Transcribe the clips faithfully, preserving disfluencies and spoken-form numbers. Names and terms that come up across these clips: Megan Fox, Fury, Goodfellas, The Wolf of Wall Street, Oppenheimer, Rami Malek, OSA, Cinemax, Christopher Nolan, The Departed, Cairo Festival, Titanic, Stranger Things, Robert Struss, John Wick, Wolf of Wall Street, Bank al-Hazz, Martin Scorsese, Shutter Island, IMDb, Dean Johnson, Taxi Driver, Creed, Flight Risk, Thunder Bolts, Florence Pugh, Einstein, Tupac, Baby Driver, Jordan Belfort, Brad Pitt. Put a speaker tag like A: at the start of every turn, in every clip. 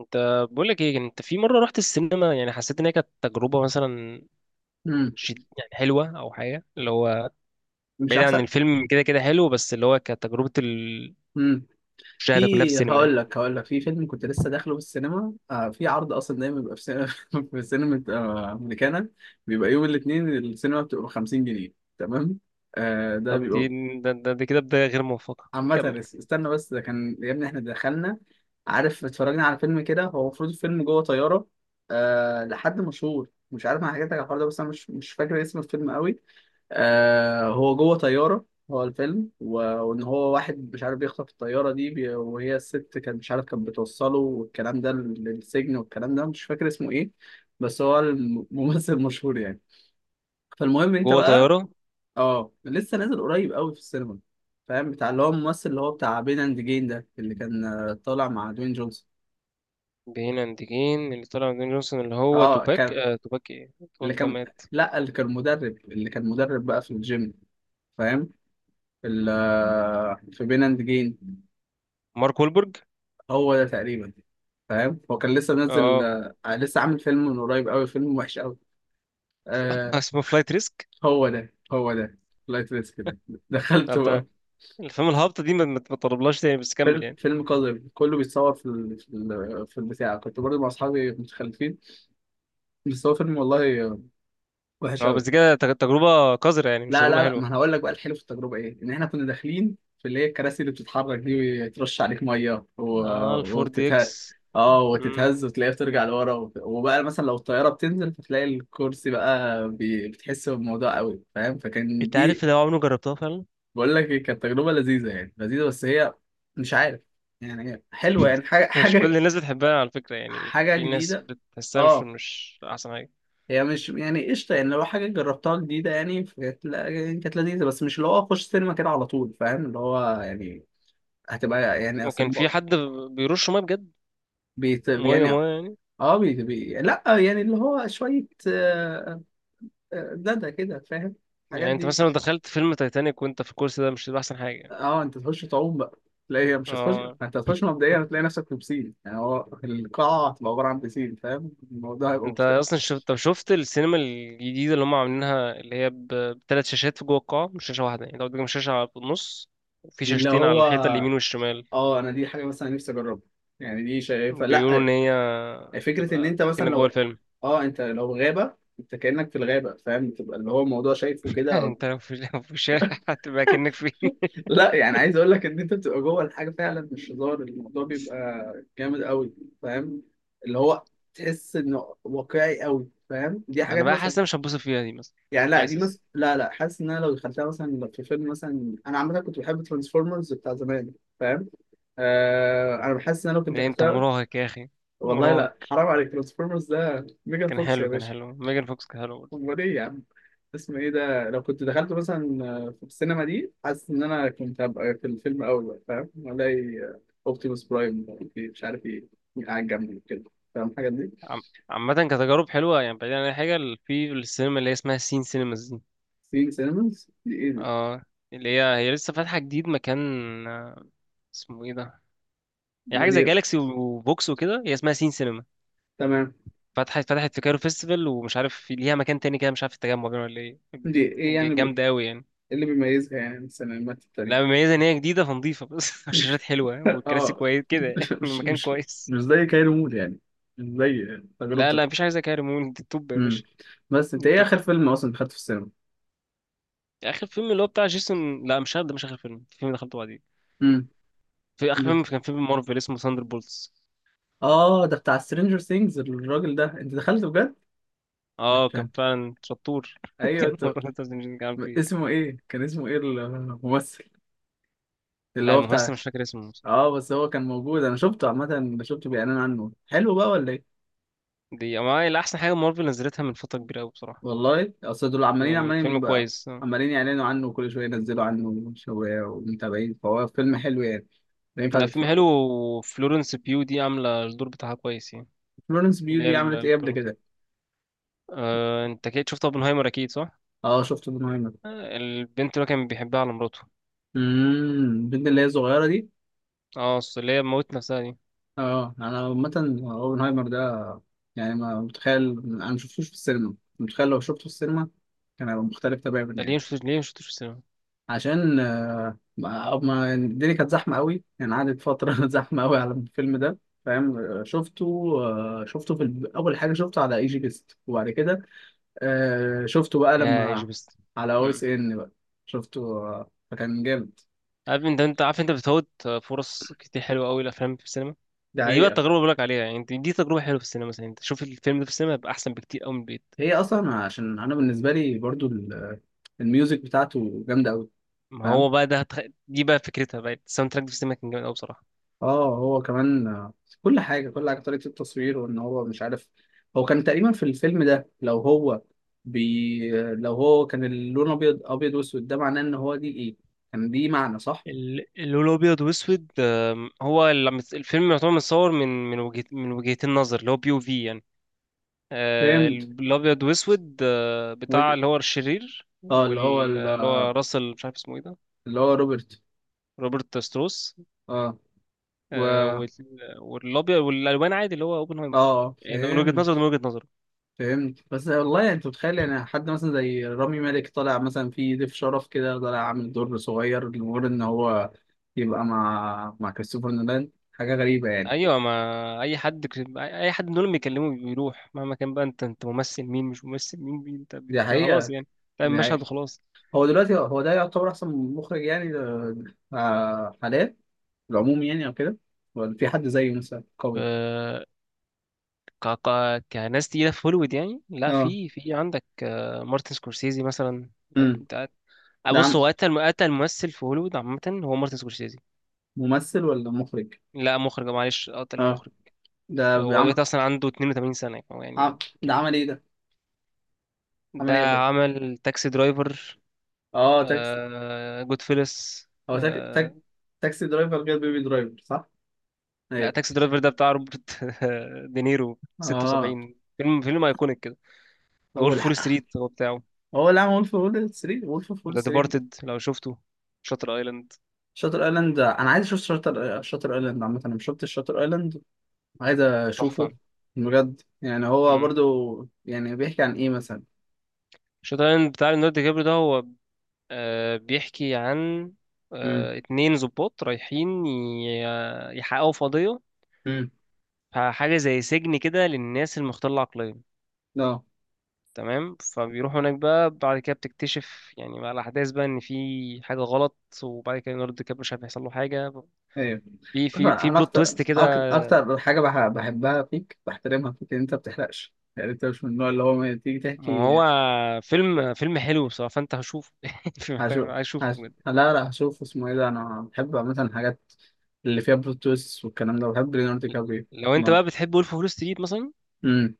A: انت بقول لك ايه؟ انت في مره رحت السينما يعني حسيت ان هي كانت تجربه مثلا
B: امم
A: شد يعني حلوه او حاجه اللي هو
B: مش
A: بعيد عن
B: احسن.
A: الفيلم؟ كده كده حلو، بس اللي هو كانت تجربه المشاهده
B: امم
A: كلها في
B: في
A: السينما
B: هقول
A: يعني.
B: لك هقول لك في فيلم كنت لسه داخله في السينما آه في عرض اصلا دايما بيبقى في سينما. في سينما، آه، امريكانا. بيبقى يوم الاثنين السينما بتبقى ب خمسين جنيه. تمام. آه ده
A: طب
B: بيبقى
A: دي ده, ده, ده كده بدايه غير موفقه،
B: عامة
A: كمل.
B: بس- استنى بس ده كان يا ابني احنا دخلنا. عارف اتفرجنا على فيلم كده، هو المفروض الفيلم جوه طيارة. آه لحد مشهور مش عارف، انا حكيت لك على الحوار ده بس انا مش مش فاكر اسم الفيلم قوي. آه هو جوه طيارة. هو الفيلم و- وإن هو واحد مش عارف بيخطف الطيارة دي بي... وهي الست كانت مش عارف كانت بتوصله والكلام ده لل- للسجن والكلام ده مش فاكر اسمه إيه. بس هو الممثل مشهور يعني. فالمهم أنت
A: جوه
B: بقى
A: طياره.
B: آه لسه نازل قريب قوي في السينما. فاهم بتاع اللي هو الممثل اللي هو بتاع بين أند جين ده اللي كان، آه، طالع مع دوين جونسون.
A: بين انديكين اللي طلع دين جونسون اللي هو
B: آه
A: توباك،
B: كان،
A: آه توباك ايه، توباك
B: اللي
A: ده
B: كان،
A: مات؟
B: لا اللي كان مدرب، اللي كان مدرب بقى في الجيم، فاهم في ال- في بين اند جيم.
A: مارك وولبرج.
B: هو ده تقريبا. فاهم هو كان لسه منزل،
A: اه.
B: آه، لسه عامل فيلم من قريب قوي فيلم وحش قوي. آه
A: اسمه فلايت ريسك.
B: هو ده هو ده. لايت ريسك ده دخلته
A: طب ده
B: بقى.
A: الفيلم الهابطه دي ما ما ما تطلبلهاش تاني، بس كمل
B: فيلم
A: يعني.
B: فيلم قذر، كله بيتصور في ال... في ال... في البتاع، كنت برضه مع اصحابي متخلفين. بس هو فيلم والله وحش
A: اه
B: قوي.
A: بس كده تج- تجربه قذره يعني، مش
B: لا لا
A: تجربه
B: لا،
A: حلوه.
B: ما انا هقول لك بقى الحلو في التجربه ايه، ان احنا كنا داخلين في اللي هي الكراسي اللي بتتحرك دي ويترش عليك ميه و...
A: اه الفور دي
B: وتتهز.
A: اكس.
B: اه
A: مم.
B: وتتهز وتلاقيها بترجع لورا وت... وبقى مثلا لو الطياره بتنزل فتلاقي الكرسي بقى بي... بتحس بالموضوع قوي، فاهم، فكان
A: انت
B: دي.
A: عارف لو عمري ما جربتها فعلا.
B: بقول لك إيه، كانت تجربه لذيذه يعني، لذيذه بس هي مش عارف، يعني هي حلوه يعني، حاجه
A: مش كل
B: حاجه
A: الناس بتحبها على فكرة يعني،
B: حاجه
A: في ناس
B: جديده.
A: بتحسها مش
B: اه
A: مش أحسن حاجة.
B: هي مش يعني قشطة، يعني لو حاجة جربتها جديدة يعني كانت لا- يعني كانت لذيذة بس مش اللي هو أخش سينما كده على طول، فاهم اللي هو يعني هتبقى يعني أصل
A: وكان في
B: ب-
A: حد بيرش مية بجد؟
B: بيت
A: مية
B: يعني.
A: مية يعني.
B: اه بي بي لا يعني اللي هو شوية، آه، آه، دادا كده، فاهم الحاجات
A: يعني أنت
B: دي.
A: مثلا لو دخلت فيلم تايتانيك وأنت في الكرسي ده، مش هيبقى أحسن حاجة يعني؟
B: اه انت تخش تعوم بقى. لا هي مش هتخش.
A: اه.
B: انت هتخش مبدئيا هتلاقي نفسك في بسين، يعني هو القاعة هتبقى عبارة عن بسين، فاهم، الموضوع هيبقى
A: أنت
B: مختلف.
A: أصلا شفت؟ طب شفت السينما الجديدة اللي هم عاملينها اللي هي ب- بتلات شاشات في جوه القاعة؟ مش شاشة واحدة، يعني لو قدامك شاشة على- في النص، وفي
B: دي اللي
A: شاشتين
B: هو،
A: على الحيطة اليمين والشمال.
B: اه انا دي حاجة مثلا نفسي اجربها يعني، دي شايفة
A: بيقولوا إن
B: لا،
A: هي
B: فكره ان
A: تبقى
B: انت مثلا
A: كأنك جوه
B: لو،
A: الفيلم.
B: اه انت لو غابه انت كانك في الغابه، فاهم بتبقى اللي هو الموضوع شايفه كده
A: يعني
B: أو...
A: انت لو في لو في الشارع هتبقى كأنك فين؟
B: لا يعني عايز اقول لك ان انت بتبقى جوه الحاجه فعلا، مش هزار، الموضوع بيبقى جامد قوي فاهم اللي هو تحس انه واقعي قوي، فاهم دي
A: ما انا
B: حاجات
A: بقى حاسس
B: مثلا.
A: إن أنا مش هتبسط فيها دي مثلا.
B: يعني لا دي مثلا
A: حاسس.
B: لا لا، حاسس ان انا لو دخلتها مثلا في فيلم، مثلا انا عامه كنت بحب ترانسفورمرز بتاع زمان، فاهم آه... انا بحس ان انا لو كنت
A: ده انت
B: دخلتها،
A: مراهق يا اخي،
B: والله
A: مراهق.
B: لا حرام عليك، ترانسفورمرز ده ميجان
A: كان
B: فوكس يا
A: حلو، كان
B: باشا.
A: حلو. ميجان فوكس كان حلو برضه.
B: امال ايه يا عم، اسمه ايه ده لو كنت دخلت مثلا، آه، في السينما دي حاسس ان انا كنت هبقى في الفيلم اول بقى، فاهم الاقي، آه، اوبتيموس برايم في- مش عارف ايه قاعد جنبي كده، فاهم الحاجات دي.
A: عم- عامة كتجارب حلوة يعني، بعيدا عن أي حاجة ال- في السينما اللي هي اسمها سين سينماز دي.
B: سين سينماز دي ايه دي؟
A: اه. اللي هي هي لسه فاتحة جديد مكان، آه، اسمه ايه ده؟ هي
B: ما
A: حاجة زي
B: دي.
A: جالاكسي وبوكس وكده، هي اسمها سين سينما.
B: تمام.
A: فتحت فتحت في كايرو فيستيفال، ومش عارف في- ليها مكان تاني كده، مش عارف في التجمع باين ولا ايه.
B: دي ايه يعني
A: ج-
B: ب- إيه
A: جامدة أوي يعني.
B: اللي بيميزها يعني عن السينمات التانية؟
A: لا مميزة ان هي جديدة فنضيفة، بس الشاشات حلوة والكراسي
B: اه
A: كويس كده يعني،
B: مش مش
A: المكان
B: مش
A: كويس.
B: مش زي كايرو مود يعني، مش زي
A: لا
B: تجربتك.
A: لا مفيش حاجة زي كده، ريمون دي التوب يا
B: امم
A: باشا.
B: بس
A: دي
B: انت ايه
A: التوب.
B: اخر فيلم اصلا دخلت في السينما؟
A: اخر فيلم اللي هو بتاع جيسون، لا مش ده مش اخر فيلم، في فيلم دخلته بعدين،
B: امم
A: في اخر فيلم كان فيلم مارفل اسمه ثاندر بولتس.
B: اه ده بتاع سترينجر ثينجز الراجل ده، انت دخلت بجد؟
A: اه كان
B: انت،
A: فعلا شطور.
B: ايوه
A: كان
B: انت.
A: مرة انت مش كان فيه إيه.
B: اسمه ايه كان، اسمه ايه الممثل اللي
A: لا
B: هو بتاع؟
A: الممثل مش فاكر اسمه بصراحة.
B: اه بس هو كان موجود، انا شفته عامه، شفته بيعلن عنه. حلو بقى ولا ايه؟
A: دي أما هي احسن حاجة مارفل نزلتها من فترة كبيرة قوي بصراحة.
B: والله اصل دول عمالين
A: يعني فيلم
B: عمالين بقى،
A: كويس، آه.
B: عمالين يعلنوا عنه وكل شويه ينزلوا عنه شويه ومتابعين، فهو فيلم حلو يعني، لا ينفع
A: لا فيلم
B: تتفرج.
A: حلو، وفلورنس بيو دي عاملة الدور بتاعها كويس يعني.
B: فلورنس بيوتي
A: اللي
B: عملت
A: هي،
B: ايه قبل كده؟
A: أه، انت اكيد شفت اوبنهايمر اكيد صح؟
B: اه شفته ده مهم.
A: آه، البنت اللي هو كان بيحبها على مراته.
B: امم البنت اللي هي صغيره دي.
A: اه أصل اللي هي موت نفسها دي.
B: اه انا عامة اوبنهايمر ده، يعني ما متخيل، انا ما شفتوش في السينما، متخيل لو شفته في السينما كان هيبقى مختلف
A: ده
B: تماما
A: ليه
B: يعني.
A: مش، ليه مش شفتوش في السينما؟
B: عشان آه، ما ما- يعني الدنيا كانت زحمة قوي، يعني قعدت فترة زحمة قوي على الفيلم ده، فاهم. آه، شفته آه، شفته في الب- اول حاجة شفته على اي جي بيست، وبعد كده آه، شفته بقى
A: يا
B: لما
A: ايجي بس.
B: على او
A: مم.
B: اس إيه ان بقى، شفته آه، فكان جامد.
A: عارف انت انت عارف انت بتفوت فرص كتير حلوه قوي الافلام في السينما؟
B: ده
A: يعني دي بقى
B: حقيقة.
A: التجربه اللي بقولك عليها يعني انت- دي تجربه حلوه في السينما، مثلا انت شوف الفيلم ده في السينما يبقى احسن بكتير قوي من البيت.
B: هي اصلا عشان انا بالنسبة لي برضو ال- الميوزك بتاعته جامدة قوي،
A: ما
B: فاهم.
A: هو بقى ده هتخ... دي بقى فكرتها بقى، الساوند تراك في السينما كان جامد قوي بصراحه.
B: اه هو كمان، آه، كل حاجه كل حاجه طريقه التصوير وان هو مش عارف، هو كان تقريبا في الفيلم ده، لو هو بي لو هو كان اللون ابيض ابيض واسود، ده معناه ان هو دي ايه كان، دي معنى صح؟
A: ال- اللون الابيض واسود، آم، هو اللي عم- الفيلم يعتبر متصور من، من وجهة من وجهتين نظر، اللي هو بي او في. آه،
B: فهمت.
A: الابيض واسود، آه،
B: وجه.
A: بتاع اللي هو الشرير
B: اه اللي هو ال-
A: واللي هو
B: آه،
A: راسل، مش عارف اسمه ايه ده.
B: اللي هو روبرت.
A: روبرت ستروس.
B: اه و
A: آه،
B: اه
A: وال- والابيض والالوان عادي اللي هو اوبنهايمر.
B: آه،
A: يعني ده من وجهة نظره،
B: فهمت.
A: ده من وجهة نظره.
B: فهمت بس والله يعني، انت متخيل يعني حد مثلا زي رامي مالك طالع مثلا في ضيف شرف كده، طالع عامل دور صغير لمجرد ان هو يبقى مع مع كريستوفر نولان، حاجة غريبة يعني.
A: ايوه، ما اي حد ك- اي حد من دول بيكلمه بيروح مهما كان، بقى انت انت ممثل مين مش ممثل مين، مين انت بت-
B: دي
A: خلاص
B: حقيقة.
A: يعني تعمل
B: دي
A: مشهد
B: حقيقة.
A: وخلاص.
B: هو دلوقتي هو ده يعتبر أحسن مخرج يعني؟ ده- آه، حاليا العموم يعني أو كده، ولا في حد زيه مثلا
A: ف،
B: قوي؟
A: ك... ك... كناس تقيلة في هوليوود يعني، لا
B: اه.
A: في في عندك آه، مارتن سكورسيزي مثلا.
B: امم
A: آه،
B: ده عم،
A: بص هو قتل قتل ممثل في هوليوود عامة هو مارتن سكورسيزي.
B: ممثل ولا مخرج؟
A: لا مخرج، معلش، آه، قتل
B: اه
A: مخرج.
B: ده
A: هو
B: عم...
A: دلوقتي أصلا عنده اتنين وتمانين سنة يعني، هو
B: عم...
A: يعني
B: ده عمل
A: كبر.
B: ايه ده؟ عمل
A: ده
B: ايه قبلك؟
A: عمل تاكسي درايفر،
B: اه تاكسي.
A: آه جود فيلس،
B: هو تاك...
A: آه.
B: تاك... تاكسي درايفر غير بيبي درايفر، صح؟
A: لا
B: ايوه.
A: تاكسي درايفر ده بتاع روبرت دينيرو،
B: اه
A: ستة وسبعين، فيلم فيلم أيكونيك كده.
B: هو
A: وولف فول
B: الحق،
A: ستريت هو بتاعه.
B: هو اللي عمل وولف اوف وول ستريت، وولف اوف وول
A: ده
B: ستريت.
A: ديبارتد لو شفته. شاتر ايلاند
B: شاتر ايلاند، انا عايز اشوف شاتر شاتر ايلاند عامة، انا مش شفتش شاتر ايلاند، عايز
A: تحفة.
B: اشوفه. بجد؟ يعني هو برضو يعني بيحكي عن ايه مثلا؟
A: شاتر ايلاند بتاع ليوناردو دي كابريو ده، هو آه، بيحكي عن
B: امم
A: آه، اتنين ضباط رايحين ي- يحققوا في قضية.
B: امم
A: حاجة زي سجن كده للناس المختلة العقليا.
B: اه
A: تمام فبيروحوا هناك بقى، بعد كده بتكتشف يعني مع الأحداث بقى إن في حاجة غلط. وبعد كده ليوناردو دي كابريو مش عارف هيحصل له حاجة،
B: ايوه
A: في في
B: طبعا.
A: في
B: انا
A: بلوت
B: اكتر
A: تويست كده.
B: أك- اكتر حاجه بح- بحبها فيك، بحترمها فيك ان انت ما بتحرقش يعني، انت مش من النوع اللي هو ما تيجي
A: ما
B: تحكي.
A: هو فيلم، فيلم حلو بصراحة، فأنت هشوفه. في، محتاج،
B: هشوف.
A: عايز أشوفه
B: هش...
A: بجد.
B: لا لا، هشوف اسمه ايه ده. انا بحب مثلا الحاجات اللي فيها بلوت تويست والكلام ده، بحب ليوناردو دي كابريو.
A: لو أنت
B: ما،
A: بقى بتحب وولف أوف وول ستريت مثلا،
B: امم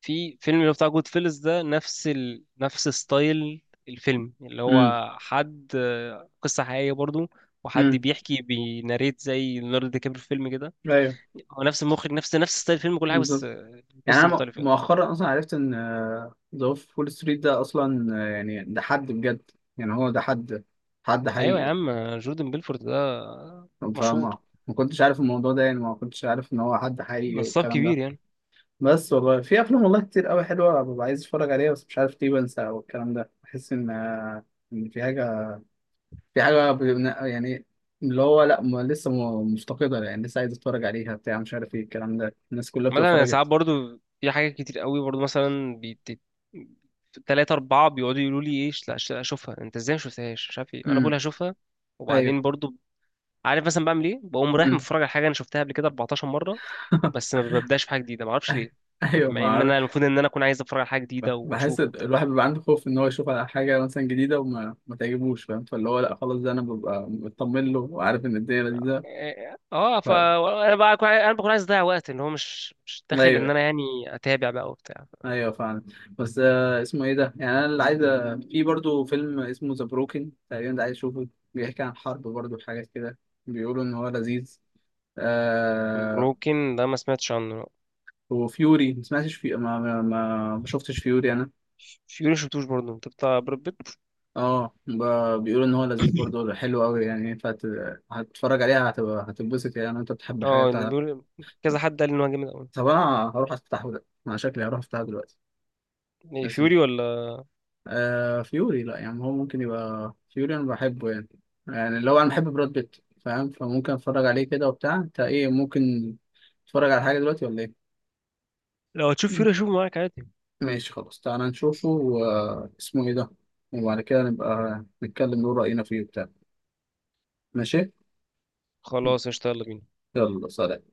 A: في فيلم اللي هو بتاع جود فيلز ده، نفس ال... نفس ستايل الفيلم، اللي
B: امم
A: هو حد آه، قصة حقيقية برضو، وحد
B: امم
A: بيحكي بيناريت زي ليوناردو دي كابريو في فيلم كده.
B: ايوه
A: هو نفس المخرج، نفس نفس ستايل الفيلم، كل حاجة، بس
B: بالظبط.
A: آه،
B: يعني
A: قصة
B: انا م-
A: مختلفة يعني.
B: مؤخرا اصلا عرفت ان ذا وولف فول ستريت ده اصلا، آه، يعني ده حد بجد، يعني هو ده حد حد
A: ايوه يا
B: حقيقي.
A: عم، آه، جوردن بيلفورد ده، آه، مشهور،
B: فما، ما كنتش عارف الموضوع ده، يعني ما كنتش عارف ان هو حد حقيقي
A: نصاب
B: والكلام ده.
A: كبير يعني.
B: بس والله في افلام والله كتير قوي حلوه، ببقى عايز اتفرج عليها بس مش عارف ليه بنسى، والكلام ده بحس ان آه، إن في حاجه، في حاجه ب- يعني اللي هو لا، ما لسه م- مفتقدة يعني، لسه عايز اتفرج عليها بتاع، مش عارف ايه الكلام ده، الناس كلها بتبقى
A: مثلا أنا ساعات
B: اتفرجت.
A: برضو في حاجات كتير قوي برضو مثلا، بيت... تلاتة أربعة بيقعدوا يقولوا لي إيه، لا ش- لا أشوفها، أنت إزاي مشفتهاش مش عارف إيه، أنا
B: امم
A: بقول هشوفها
B: ايوه.
A: وبعدين برضو عارف مثلا بعمل ايه؟ بقوم رايح
B: امم
A: متفرج على حاجه انا شفتها قبل كده اربعتاشر مره. بس ما ببداش في حاجه جديده، ما اعرفش ليه،
B: ايوه، ما
A: مع ان
B: اعرف.
A: انا المفروض ان انا اكون عايز اتفرج على حاجه جديده
B: بحس
A: واشوف
B: ال-
A: وبتاع.
B: الواحد بيبقى عنده خوف ان هو يشوف على حاجه مثلا جديده وما ما تعجبوش، فاهم، فاللي هو لا خلاص ده انا ببقى مطمن له وعارف ان الدنيا لذيذه.
A: اه آه،
B: ف...
A: ف انا بقى أكون- انا بكون عايز اضيع وقت، ان هو مش مش داخل ان
B: ايوه،
A: انا يعني اتابع بقى وبتاع.
B: ايوه فعلا. بس آه اسمه ايه ده، يعني انا اللي عايز أ- في برضو فيلم اسمه ذا بروكن تقريبا ده عايز اشوفه، بيحكي عن حرب برضو حاجات كده، بيقولوا ان هو لذيذ. آه
A: بروكن ده ما سمعتش عنه.
B: وفيوري ما سمعتش في، ما ما ما ما شفتش فيوري انا.
A: فيوري شفتوش برضه، انت بتاع براد بيت.
B: اه ب- بيقولوا ان هو لذيذ برضه، حلو قوي يعني، ينفع ت- هتتفرج عليها هتبقى هتتبسط يعني، انت بتحب حاجات
A: اه إنه
B: بتاع-
A: بيقول، كذا حد قال ان هو جامد قوي.
B: طب انا هروح افتحه ده، انا شكلي هروح افتحه دلوقتي.
A: إيه،
B: اسمه
A: فيوري ولا؟
B: آه فيوري؟ لا يعني هو ممكن يبقى فيوري انا بحبه يعني، يعني لو انا بحب براد بيت، فاهم، فممكن اتفرج عليه كده وبتاع. انت ايه، ممكن تتفرج على حاجه دلوقتي ولا ايه؟
A: لو هتشوف
B: مم.
A: فيوري اشوفه معاك عادي.
B: ماشي خلاص، تعالى نشوفه واسمه ايه ده، وبعد كده نبقى نتكلم نقول راينا فيه وبتاع. ماشي.
A: خلاص قشطة، يلا بينا.
B: يلا، سلام.